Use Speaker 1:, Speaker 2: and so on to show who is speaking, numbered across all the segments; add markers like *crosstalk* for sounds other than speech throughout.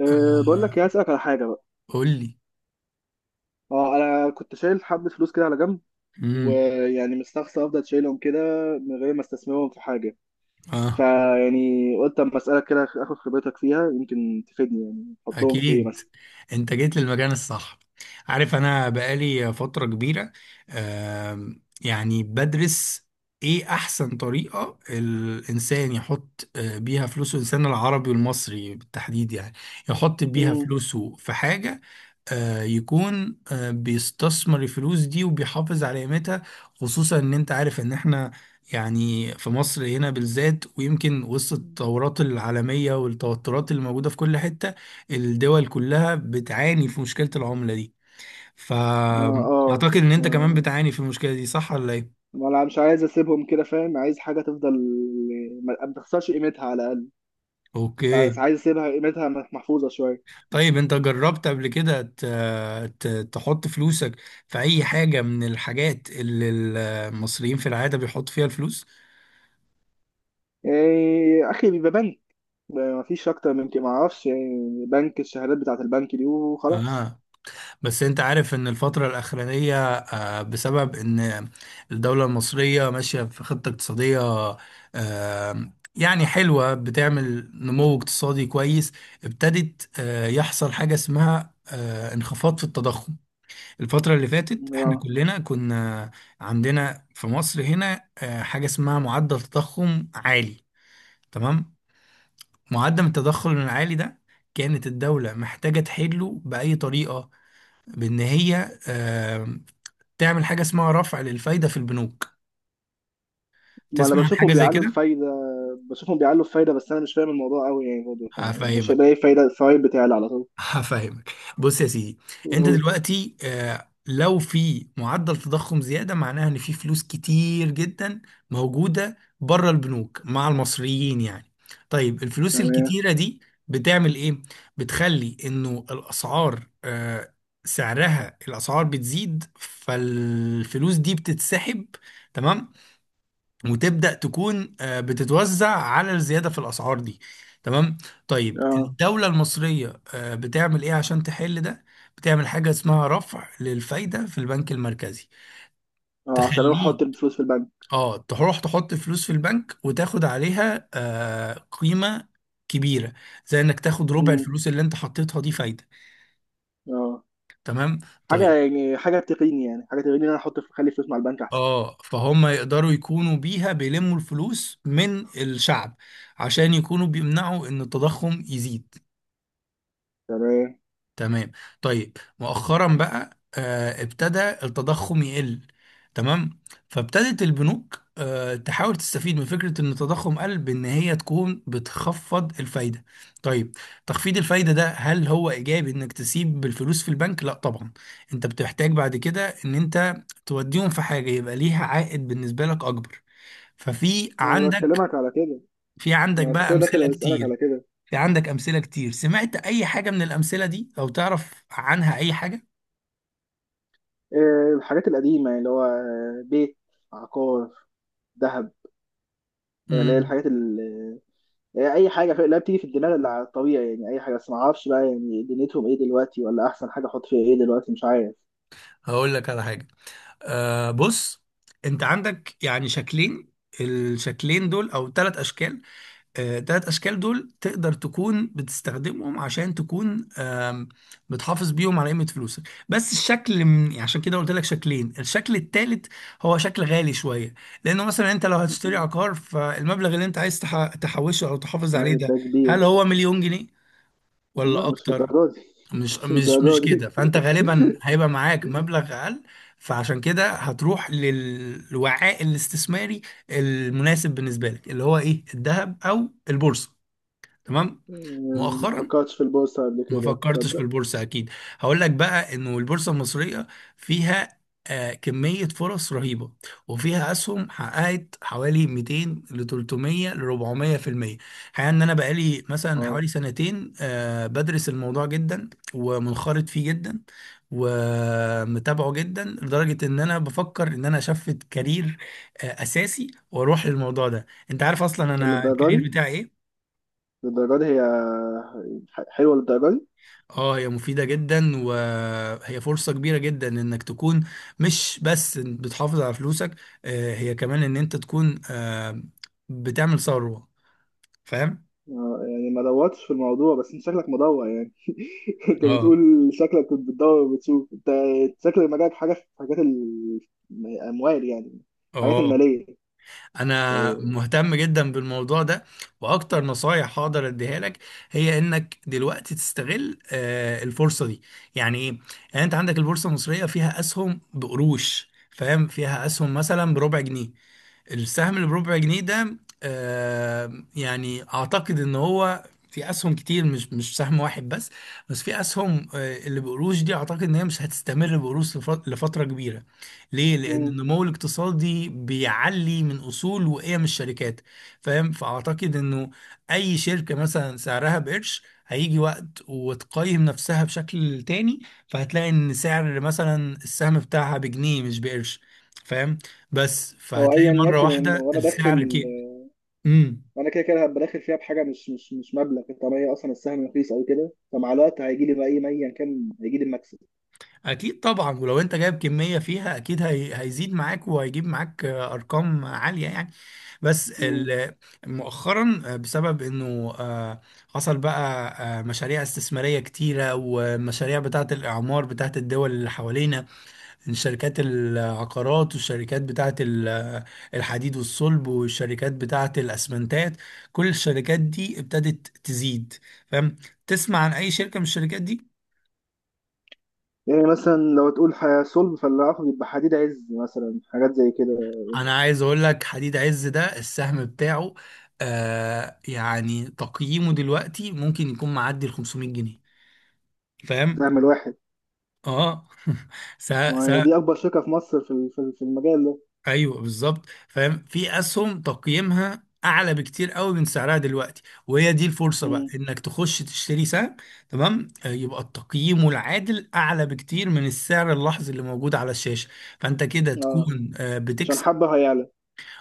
Speaker 1: بقول لك،
Speaker 2: آه.
Speaker 1: يا اسالك على حاجه بقى.
Speaker 2: قول لي.
Speaker 1: اه انا كنت شايل حبه فلوس كده على جنب،
Speaker 2: امم.
Speaker 1: مستخسر افضل شايلهم كده من غير ما استثمرهم في حاجه.
Speaker 2: اه،
Speaker 1: فيعني قلت اما اسالك كده اخد خبرتك فيها، يمكن تفيدني يعني احطهم في ايه
Speaker 2: اكيد.
Speaker 1: مثلا.
Speaker 2: انت جيت للمكان الصح. عارف انا بقالي فترة كبيرة، آه يعني بدرس ايه احسن طريقة الانسان يحط بيها فلوسه، الانسان العربي والمصري بالتحديد يعني، يحط بيها
Speaker 1: امم
Speaker 2: فلوسه في حاجة يكون بيستثمر الفلوس دي وبيحافظ على قيمتها. خصوصا ان انت عارف ان احنا يعني في مصر هنا بالذات، ويمكن وسط التطورات العالمية والتوترات اللي موجودة في كل حتة، الدول كلها بتعاني في مشكلة العملة دي.
Speaker 1: ما اه
Speaker 2: فأعتقد ان
Speaker 1: ما
Speaker 2: انت كمان بتعاني في المشكلة دي، صح ولا ايه؟
Speaker 1: ما انا مش عايز اسيبهم كده، فاهم؟ عايز حاجه تفضل، ما تخسرش قيمتها على الاقل. بس
Speaker 2: اوكي.
Speaker 1: عايز اسيبها قيمتها محفوظه شويه.
Speaker 2: طيب، انت جربت قبل كده تحط فلوسك في اي حاجة من الحاجات اللي المصريين في العادة بيحطوا فيها الفلوس؟
Speaker 1: إيه، يا اخي بيبقى بنك، ده مفيش اكتر من كده، معرفش يعني بنك الشهادات بتاعت البنك دي وخلاص.
Speaker 2: اه. بس انت عارف ان الفترة الاخرانية، بسبب ان الدولة المصرية ماشية في خطة اقتصادية يعني حلوة، بتعمل نمو اقتصادي كويس، ابتدت يحصل حاجة اسمها انخفاض في التضخم. الفترة اللي فاتت احنا
Speaker 1: اه،
Speaker 2: كلنا كنا عندنا في مصر هنا حاجة اسمها معدل تضخم عالي. تمام. معدل التضخم العالي ده كانت الدولة محتاجة تحله بأي طريقة، بإن هي تعمل حاجة اسمها رفع للفايدة في البنوك.
Speaker 1: ما انا
Speaker 2: تسمع عن حاجة
Speaker 1: بشوفهم
Speaker 2: زي
Speaker 1: بيعلوا
Speaker 2: كده؟
Speaker 1: الفايده. بشوفهم بيعلوا الفايده، بس انا مش فاهم الموضوع قوي يعني، برضه يعني مش
Speaker 2: هفهمك،
Speaker 1: بلاقي فايده، الفوايد بتعلى على طول.
Speaker 2: هفهمك. بص يا سيدي، انت
Speaker 1: أوه،
Speaker 2: دلوقتي لو في معدل تضخم زيادة، معناها ان في فلوس كتير جدا موجودة بره البنوك مع المصريين يعني. طيب الفلوس
Speaker 1: تمام.
Speaker 2: الكتيرة دي بتعمل ايه؟ بتخلي انه الاسعار سعرها، الاسعار بتزيد، فالفلوس دي بتتسحب. تمام. وتبدأ تكون بتتوزع على الزيادة في الأسعار دي. تمام. طيب
Speaker 1: اه.
Speaker 2: الدولة المصرية بتعمل إيه عشان تحل ده؟ بتعمل حاجة اسمها رفع للفايدة في البنك المركزي.
Speaker 1: اه، عشان اروح احط
Speaker 2: تخليك،
Speaker 1: الفلوس في البنك.
Speaker 2: اه، تروح تحط فلوس في البنك وتاخد عليها قيمة كبيرة، زي انك تاخد ربع
Speaker 1: امم
Speaker 2: الفلوس اللي انت حطيتها دي فايدة.
Speaker 1: اه،
Speaker 2: تمام.
Speaker 1: حاجه
Speaker 2: طيب
Speaker 1: يعني، حاجه تقيني، يعني حاجه تقيني ان انا احط اخلي فلوس مع البنك احسن.
Speaker 2: اه، فهم يقدروا يكونوا بيها بيلموا الفلوس من الشعب عشان يكونوا بيمنعوا ان التضخم يزيد.
Speaker 1: تمام.
Speaker 2: تمام. طيب مؤخرا بقى ابتدى التضخم يقل. تمام. فابتدت البنوك تحاول تستفيد من فكرة ان التضخم قل بان هي تكون بتخفض الفايدة. طيب، تخفيض الفايدة ده هل هو ايجابي انك تسيب الفلوس في البنك؟ لا طبعا. انت بتحتاج بعد كده ان انت توديهم في حاجة يبقى ليها عائد بالنسبة لك اكبر. ففي
Speaker 1: انا
Speaker 2: عندك،
Speaker 1: بكلمك على كده،
Speaker 2: في عندك
Speaker 1: ما عشان
Speaker 2: بقى
Speaker 1: كده داخل
Speaker 2: امثلة
Speaker 1: اسالك على
Speaker 2: كتير.
Speaker 1: كده.
Speaker 2: في عندك أمثلة كتير. سمعت أي حاجة من الأمثلة دي أو تعرف عنها أي حاجة؟
Speaker 1: إيه الحاجات القديمه يعني، اللي هو بيت، عقار، دهب. يعني اللي هي
Speaker 2: امم.
Speaker 1: الحاجات اللي هي اي حاجه لا بتيجي في الدماغ اللي على الطبيعي يعني، اي حاجه، بس ما اعرفش بقى يعني دنيتهم ايه دلوقتي، ولا احسن حاجه احط فيها ايه دلوقتي، مش عارف.
Speaker 2: هقول لك على حاجة. آه بص، أنت عندك يعني شكلين، الشكلين دول أو ثلاث أشكال. آه، ثلاث أشكال دول تقدر تكون بتستخدمهم عشان تكون بتحافظ بيهم على قيمة فلوسك. بس الشكل من يعني، عشان كده قلت لك شكلين، الشكل الثالث هو شكل غالي شوية، لأنه مثلا أنت لو هتشتري
Speaker 1: مم.
Speaker 2: عقار، فالمبلغ اللي أنت عايز تحوشه أو تحافظ عليه
Speaker 1: واحد
Speaker 2: ده
Speaker 1: ده كبير؟
Speaker 2: هل هو 1,000,000 جنيه
Speaker 1: لا
Speaker 2: ولا
Speaker 1: مش
Speaker 2: اكتر؟
Speaker 1: للدرجه دي. *laughs*
Speaker 2: مش
Speaker 1: مش
Speaker 2: مش مش
Speaker 1: للدرجه دي.
Speaker 2: كده. فانت غالبا
Speaker 1: *laughs*
Speaker 2: هيبقى معاك مبلغ اقل، فعشان كده هتروح للوعاء الاستثماري المناسب بالنسبه لك، اللي هو ايه؟ الذهب او البورصه. تمام.
Speaker 1: مم، ما
Speaker 2: مؤخرا
Speaker 1: فكرتش في البورصه قبل
Speaker 2: ما
Speaker 1: كده
Speaker 2: فكرتش في
Speaker 1: تصدق.
Speaker 2: البورصة أكيد. هقول لك بقى إنه البورصة المصرية فيها كمية فرص رهيبة، وفيها أسهم حققت حوالي 200 ل 300 ل 400 في المية. الحقيقة إن أنا بقالي مثلا
Speaker 1: اه،
Speaker 2: حوالي 2 سنتين بدرس الموضوع جدا، ومنخرط فيه جدا، ومتابعه جدا، لدرجة إن أنا بفكر إن أنا أشفت كارير أساسي وأروح للموضوع ده. أنت عارف أصلا أنا
Speaker 1: للدرجه دي؟
Speaker 2: الكارير بتاعي إيه؟
Speaker 1: للدرجه دي هي حلوه للدرجه دي؟
Speaker 2: اه هي مفيدة جدا، وهي فرصة كبيرة جدا، انك تكون مش بس بتحافظ على فلوسك، هي كمان ان انت تكون بتعمل ثروة. فاهم؟
Speaker 1: يعني ما دورتش في الموضوع، بس انت شكلك مدور يعني. *laughs* انت
Speaker 2: اه
Speaker 1: بتقول شكلك كنت بتدور وبتشوف، انت شكل مجالك حاجه في حاجات الاموال يعني، الحاجات
Speaker 2: اه،
Speaker 1: الماليه
Speaker 2: انا
Speaker 1: يعني.
Speaker 2: مهتم جدا بالموضوع ده. واكتر نصايح هقدر اديها لك هي انك دلوقتي تستغل الفرصة دي. يعني ايه؟ يعني انت عندك البورصة المصرية فيها اسهم بقروش، فاهم؟ فيها اسهم مثلا بربع جنيه. السهم اللي بربع جنيه ده يعني اعتقد ان هو في اسهم كتير، مش سهم واحد بس، بس في اسهم اللي بقروش دي اعتقد ان هي مش هتستمر بقروش لفتره كبيره. ليه؟ لان
Speaker 1: مم.
Speaker 2: النمو الاقتصادي بيعلي من اصول وقيم الشركات. فاهم؟ فاعتقد انه اي شركه مثلا سعرها بقرش، هيجي وقت وتقيم نفسها بشكل تاني، فهتلاقي ان سعر مثلا السهم بتاعها بجنيه مش بقرش. فاهم؟ بس
Speaker 1: هو
Speaker 2: فهتلاقي
Speaker 1: ايا
Speaker 2: مرة
Speaker 1: يكن، ان
Speaker 2: واحدة
Speaker 1: وانا
Speaker 2: السعر
Speaker 1: داخل،
Speaker 2: كده. امم.
Speaker 1: وانا كده كده هبقى داخل فيها بحاجه مش مبلغ، طالما هي اصلا السهم رخيص او كده، فمع الوقت هيجي لي بقى ايه، ما ايا كان هيجي لي المكسب.
Speaker 2: اكيد طبعا، ولو انت جايب كمية فيها اكيد هي هيزيد معاك، وهيجيب معاك ارقام عالية يعني. بس
Speaker 1: مم.
Speaker 2: ال- مؤخرا بسبب انه حصل بقى مشاريع استثمارية كتيرة، ومشاريع بتاعة الاعمار بتاعة الدول اللي حوالينا، شركات العقارات والشركات بتاعة الحديد والصلب، والشركات بتاعة الأسمنتات. كل الشركات دي ابتدت تزيد. فاهم؟ تسمع عن أي شركة من الشركات دي؟
Speaker 1: يعني مثلا لو تقول صلب، فاللي هاخد يبقى حديد عز مثلا، حاجات زي كده.
Speaker 2: أنا عايز أقول لك حديد عز ده السهم بتاعه يعني تقييمه دلوقتي ممكن يكون معدي ال 500 جنيه. فاهم؟
Speaker 1: سهم الواحد؟
Speaker 2: اه. *laughs* س-
Speaker 1: ما هي
Speaker 2: س-
Speaker 1: دي اكبر شركه في مصر في في المجال ده.
Speaker 2: ايوه بالظبط. فاهم في اسهم تقييمها اعلى بكتير قوي من سعرها دلوقتي، وهي دي الفرصه بقى،
Speaker 1: مم.
Speaker 2: انك تخش تشتري سهم. تمام. يبقى التقييم العادل اعلى بكتير من السعر اللحظي اللي موجود على الشاشه، فانت كده
Speaker 1: اه،
Speaker 2: تكون
Speaker 1: عشان
Speaker 2: بتكسب.
Speaker 1: حبه هيعلى.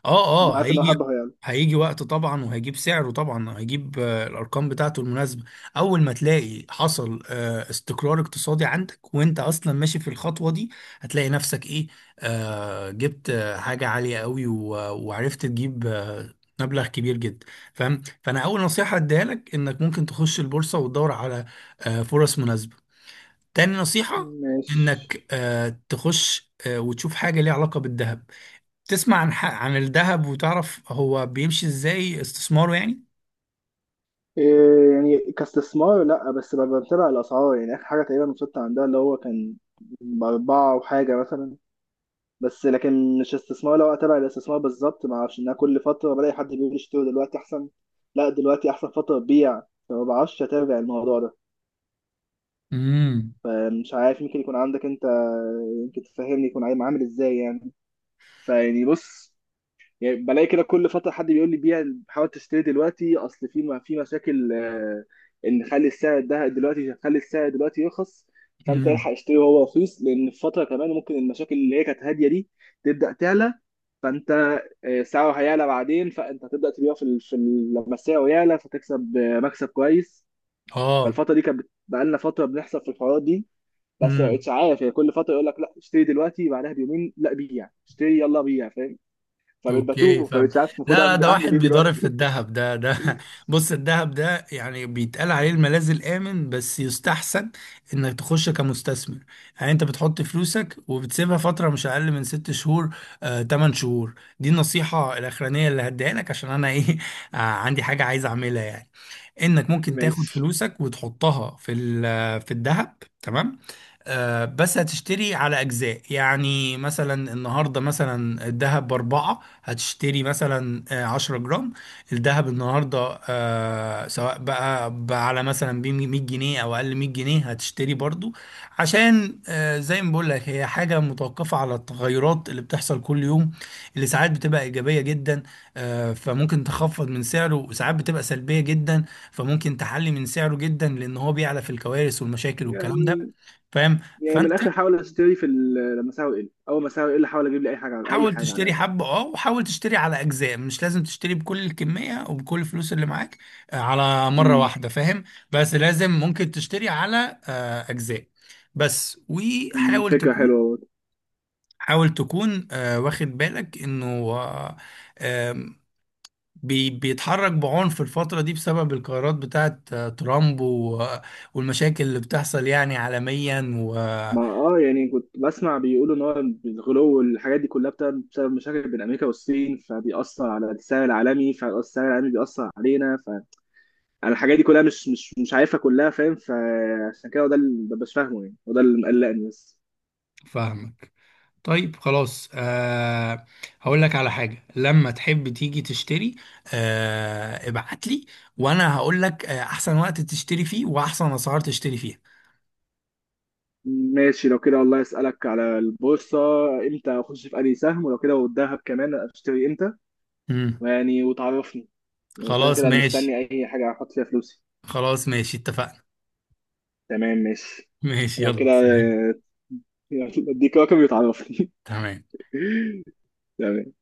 Speaker 2: اه اه،
Speaker 1: عارف ان هو
Speaker 2: هيجي،
Speaker 1: حبه هيعلى.
Speaker 2: هيجي وقت طبعا وهيجيب سعره، طبعا هيجيب الارقام بتاعته المناسبه. اول ما تلاقي حصل استقرار اقتصادي عندك، وانت اصلا ماشي في الخطوه دي، هتلاقي نفسك ايه، آه، جبت حاجه عاليه قوي، وعرفت تجيب مبلغ كبير جدا. فاهم؟ فانا اول نصيحه اديها لك انك ممكن تخش البورصه وتدور على فرص مناسبه. تاني نصيحه،
Speaker 1: ماشي.
Speaker 2: انك تخش وتشوف حاجه ليها علاقه بالذهب. تسمع عن عن الذهب، وتعرف هو بيمشي ازاي استثماره يعني.
Speaker 1: إيه يعني كاستثمار؟ لا، بس ببقى بتابع الاسعار يعني، اخر حاجه تقريبا وصلت عندها اللي هو كان باربعه وحاجه مثلا. بس لكن مش استثمار، لو اتابع الاستثمار بالظبط ما اعرفش، ان أنا كل فتره بلاقي حد بيقول اشتري دلوقتي احسن، لا دلوقتي احسن فتره تبيع، فما بعرفش اتابع الموضوع ده.
Speaker 2: امم.
Speaker 1: فمش عارف، يمكن يكون عندك انت، يمكن تفهمني يكون عامل ازاي يعني. بص، يعني بلاقي كده كل فتره حد بيقول لي بيع، حاول تشتري دلوقتي، اصل في في مشاكل، ان خلي السعر ده دلوقتي، خلي السعر دلوقتي يرخص، فانت
Speaker 2: امم.
Speaker 1: الحق اشتري وهو رخيص، لان في فتره كمان ممكن المشاكل اللي هي كانت هاديه دي تبدا تعلى. فانت سعره هيعلى بعدين، فانت هتبدا تبيعه لما سعره يعلى، فتكسب مكسب كويس.
Speaker 2: اه.
Speaker 1: فالفتره دي كانت بقالنا فتره بنحصل في الحوارات دي، بس ما
Speaker 2: امم.
Speaker 1: بقتش عارف يعني، كل فتره يقول لك لا اشتري دلوقتي، بعدها بيومين لا بيع، اشتري، يلا بيع، فاهم؟ فبقيت
Speaker 2: اوكي،
Speaker 1: بتوه،
Speaker 2: فاهم.
Speaker 1: فبقيت عارف المفروض
Speaker 2: لا
Speaker 1: اعمل،
Speaker 2: ده
Speaker 1: اعمل
Speaker 2: واحد
Speaker 1: ايه
Speaker 2: بيضارب في
Speaker 1: دلوقتي؟
Speaker 2: الذهب، ده
Speaker 1: *laughs*
Speaker 2: *laughs* بص الذهب ده يعني بيتقال عليه الملاذ الآمن، بس يستحسن انك تخش كمستثمر. يعني انت بتحط فلوسك وبتسيبها فترة مش اقل من 6 شهور، 8 شهور. دي النصيحة الاخرانية اللي هديها لك عشان انا ايه، *laughs* عندي حاجة عايز اعملها يعني. انك ممكن تاخد
Speaker 1: ماشي.
Speaker 2: فلوسك وتحطها في في الذهب. تمام. بس هتشتري على أجزاء. يعني مثلا النهاردة مثلا الذهب بأربعة هتشتري مثلا 10 جرام. الذهب النهاردة سواء بقى على مثلا 100 جنيه أو أقل 100 جنيه هتشتري برضو. عشان زي ما بقول لك هي حاجة متوقفة على التغيرات اللي بتحصل كل يوم، اللي ساعات بتبقى إيجابية جدا، فممكن تخفض من سعره، وساعات بتبقى سلبية جدا، فممكن تحلي من سعره جدا، لأن هو بيعلى في الكوارث والمشاكل والكلام ده.
Speaker 1: يعني
Speaker 2: فاهم؟
Speaker 1: يعني من
Speaker 2: فانت
Speaker 1: الاخر حاول اشتري في لما سعره يقل، اول ما سعره يقل حاول اجيب لي اي حاجه على اي
Speaker 2: حاول
Speaker 1: حاجه على
Speaker 2: تشتري
Speaker 1: الاقل.
Speaker 2: حبة اه، وحاول تشتري على اجزاء، مش لازم تشتري بكل الكمية وبكل الفلوس اللي معاك على مرة
Speaker 1: امم
Speaker 2: واحدة. فاهم؟ بس لازم ممكن تشتري على اجزاء بس،
Speaker 1: أمم،
Speaker 2: وحاول
Speaker 1: فكره
Speaker 2: تكون،
Speaker 1: حلوه برضه.
Speaker 2: حاول تكون واخد بالك انه آه، آم، بيتحرك بعنف الفترة دي بسبب القرارات بتاعت ترامب والمشاكل اللي بتحصل يعني عالميا.
Speaker 1: ما اه، يعني كنت بسمع بيقولوا ان هو الغلو والحاجات دي كلها بسبب مشاكل بين امريكا والصين، فبيأثر على السعر العالمي، فالسعر العالمي بيأثر علينا، فانا الحاجات دي كلها مش عارفها كلها فاهم، فعشان كده هو ده اللي مبقاش فاهمه يعني، وده اللي مقلقني بس.
Speaker 2: وفاهمك. طيب خلاص أه، هقول لك على حاجة. لما تحب تيجي تشتري، أه، ابعت لي وانا هقول لك احسن وقت تشتري فيه واحسن اسعار تشتري فيها.
Speaker 1: ماشي لو كده، والله اسالك على البورصه امتى اخش في انهي سهم، ولو كده والذهب كمان اشتري امتى.
Speaker 2: امم.
Speaker 1: وتعرفني يعني، كده
Speaker 2: خلاص
Speaker 1: كده انا
Speaker 2: ماشي،
Speaker 1: مستني اي حاجه احط فيها فلوسي.
Speaker 2: خلاص ماشي، اتفقنا.
Speaker 1: تمام ماشي.
Speaker 2: ماشي،
Speaker 1: لو
Speaker 2: يلا
Speaker 1: كده
Speaker 2: سلام.
Speaker 1: *laughs* اديك رقم وتعرفني.
Speaker 2: تمام.
Speaker 1: *laughs* تمام.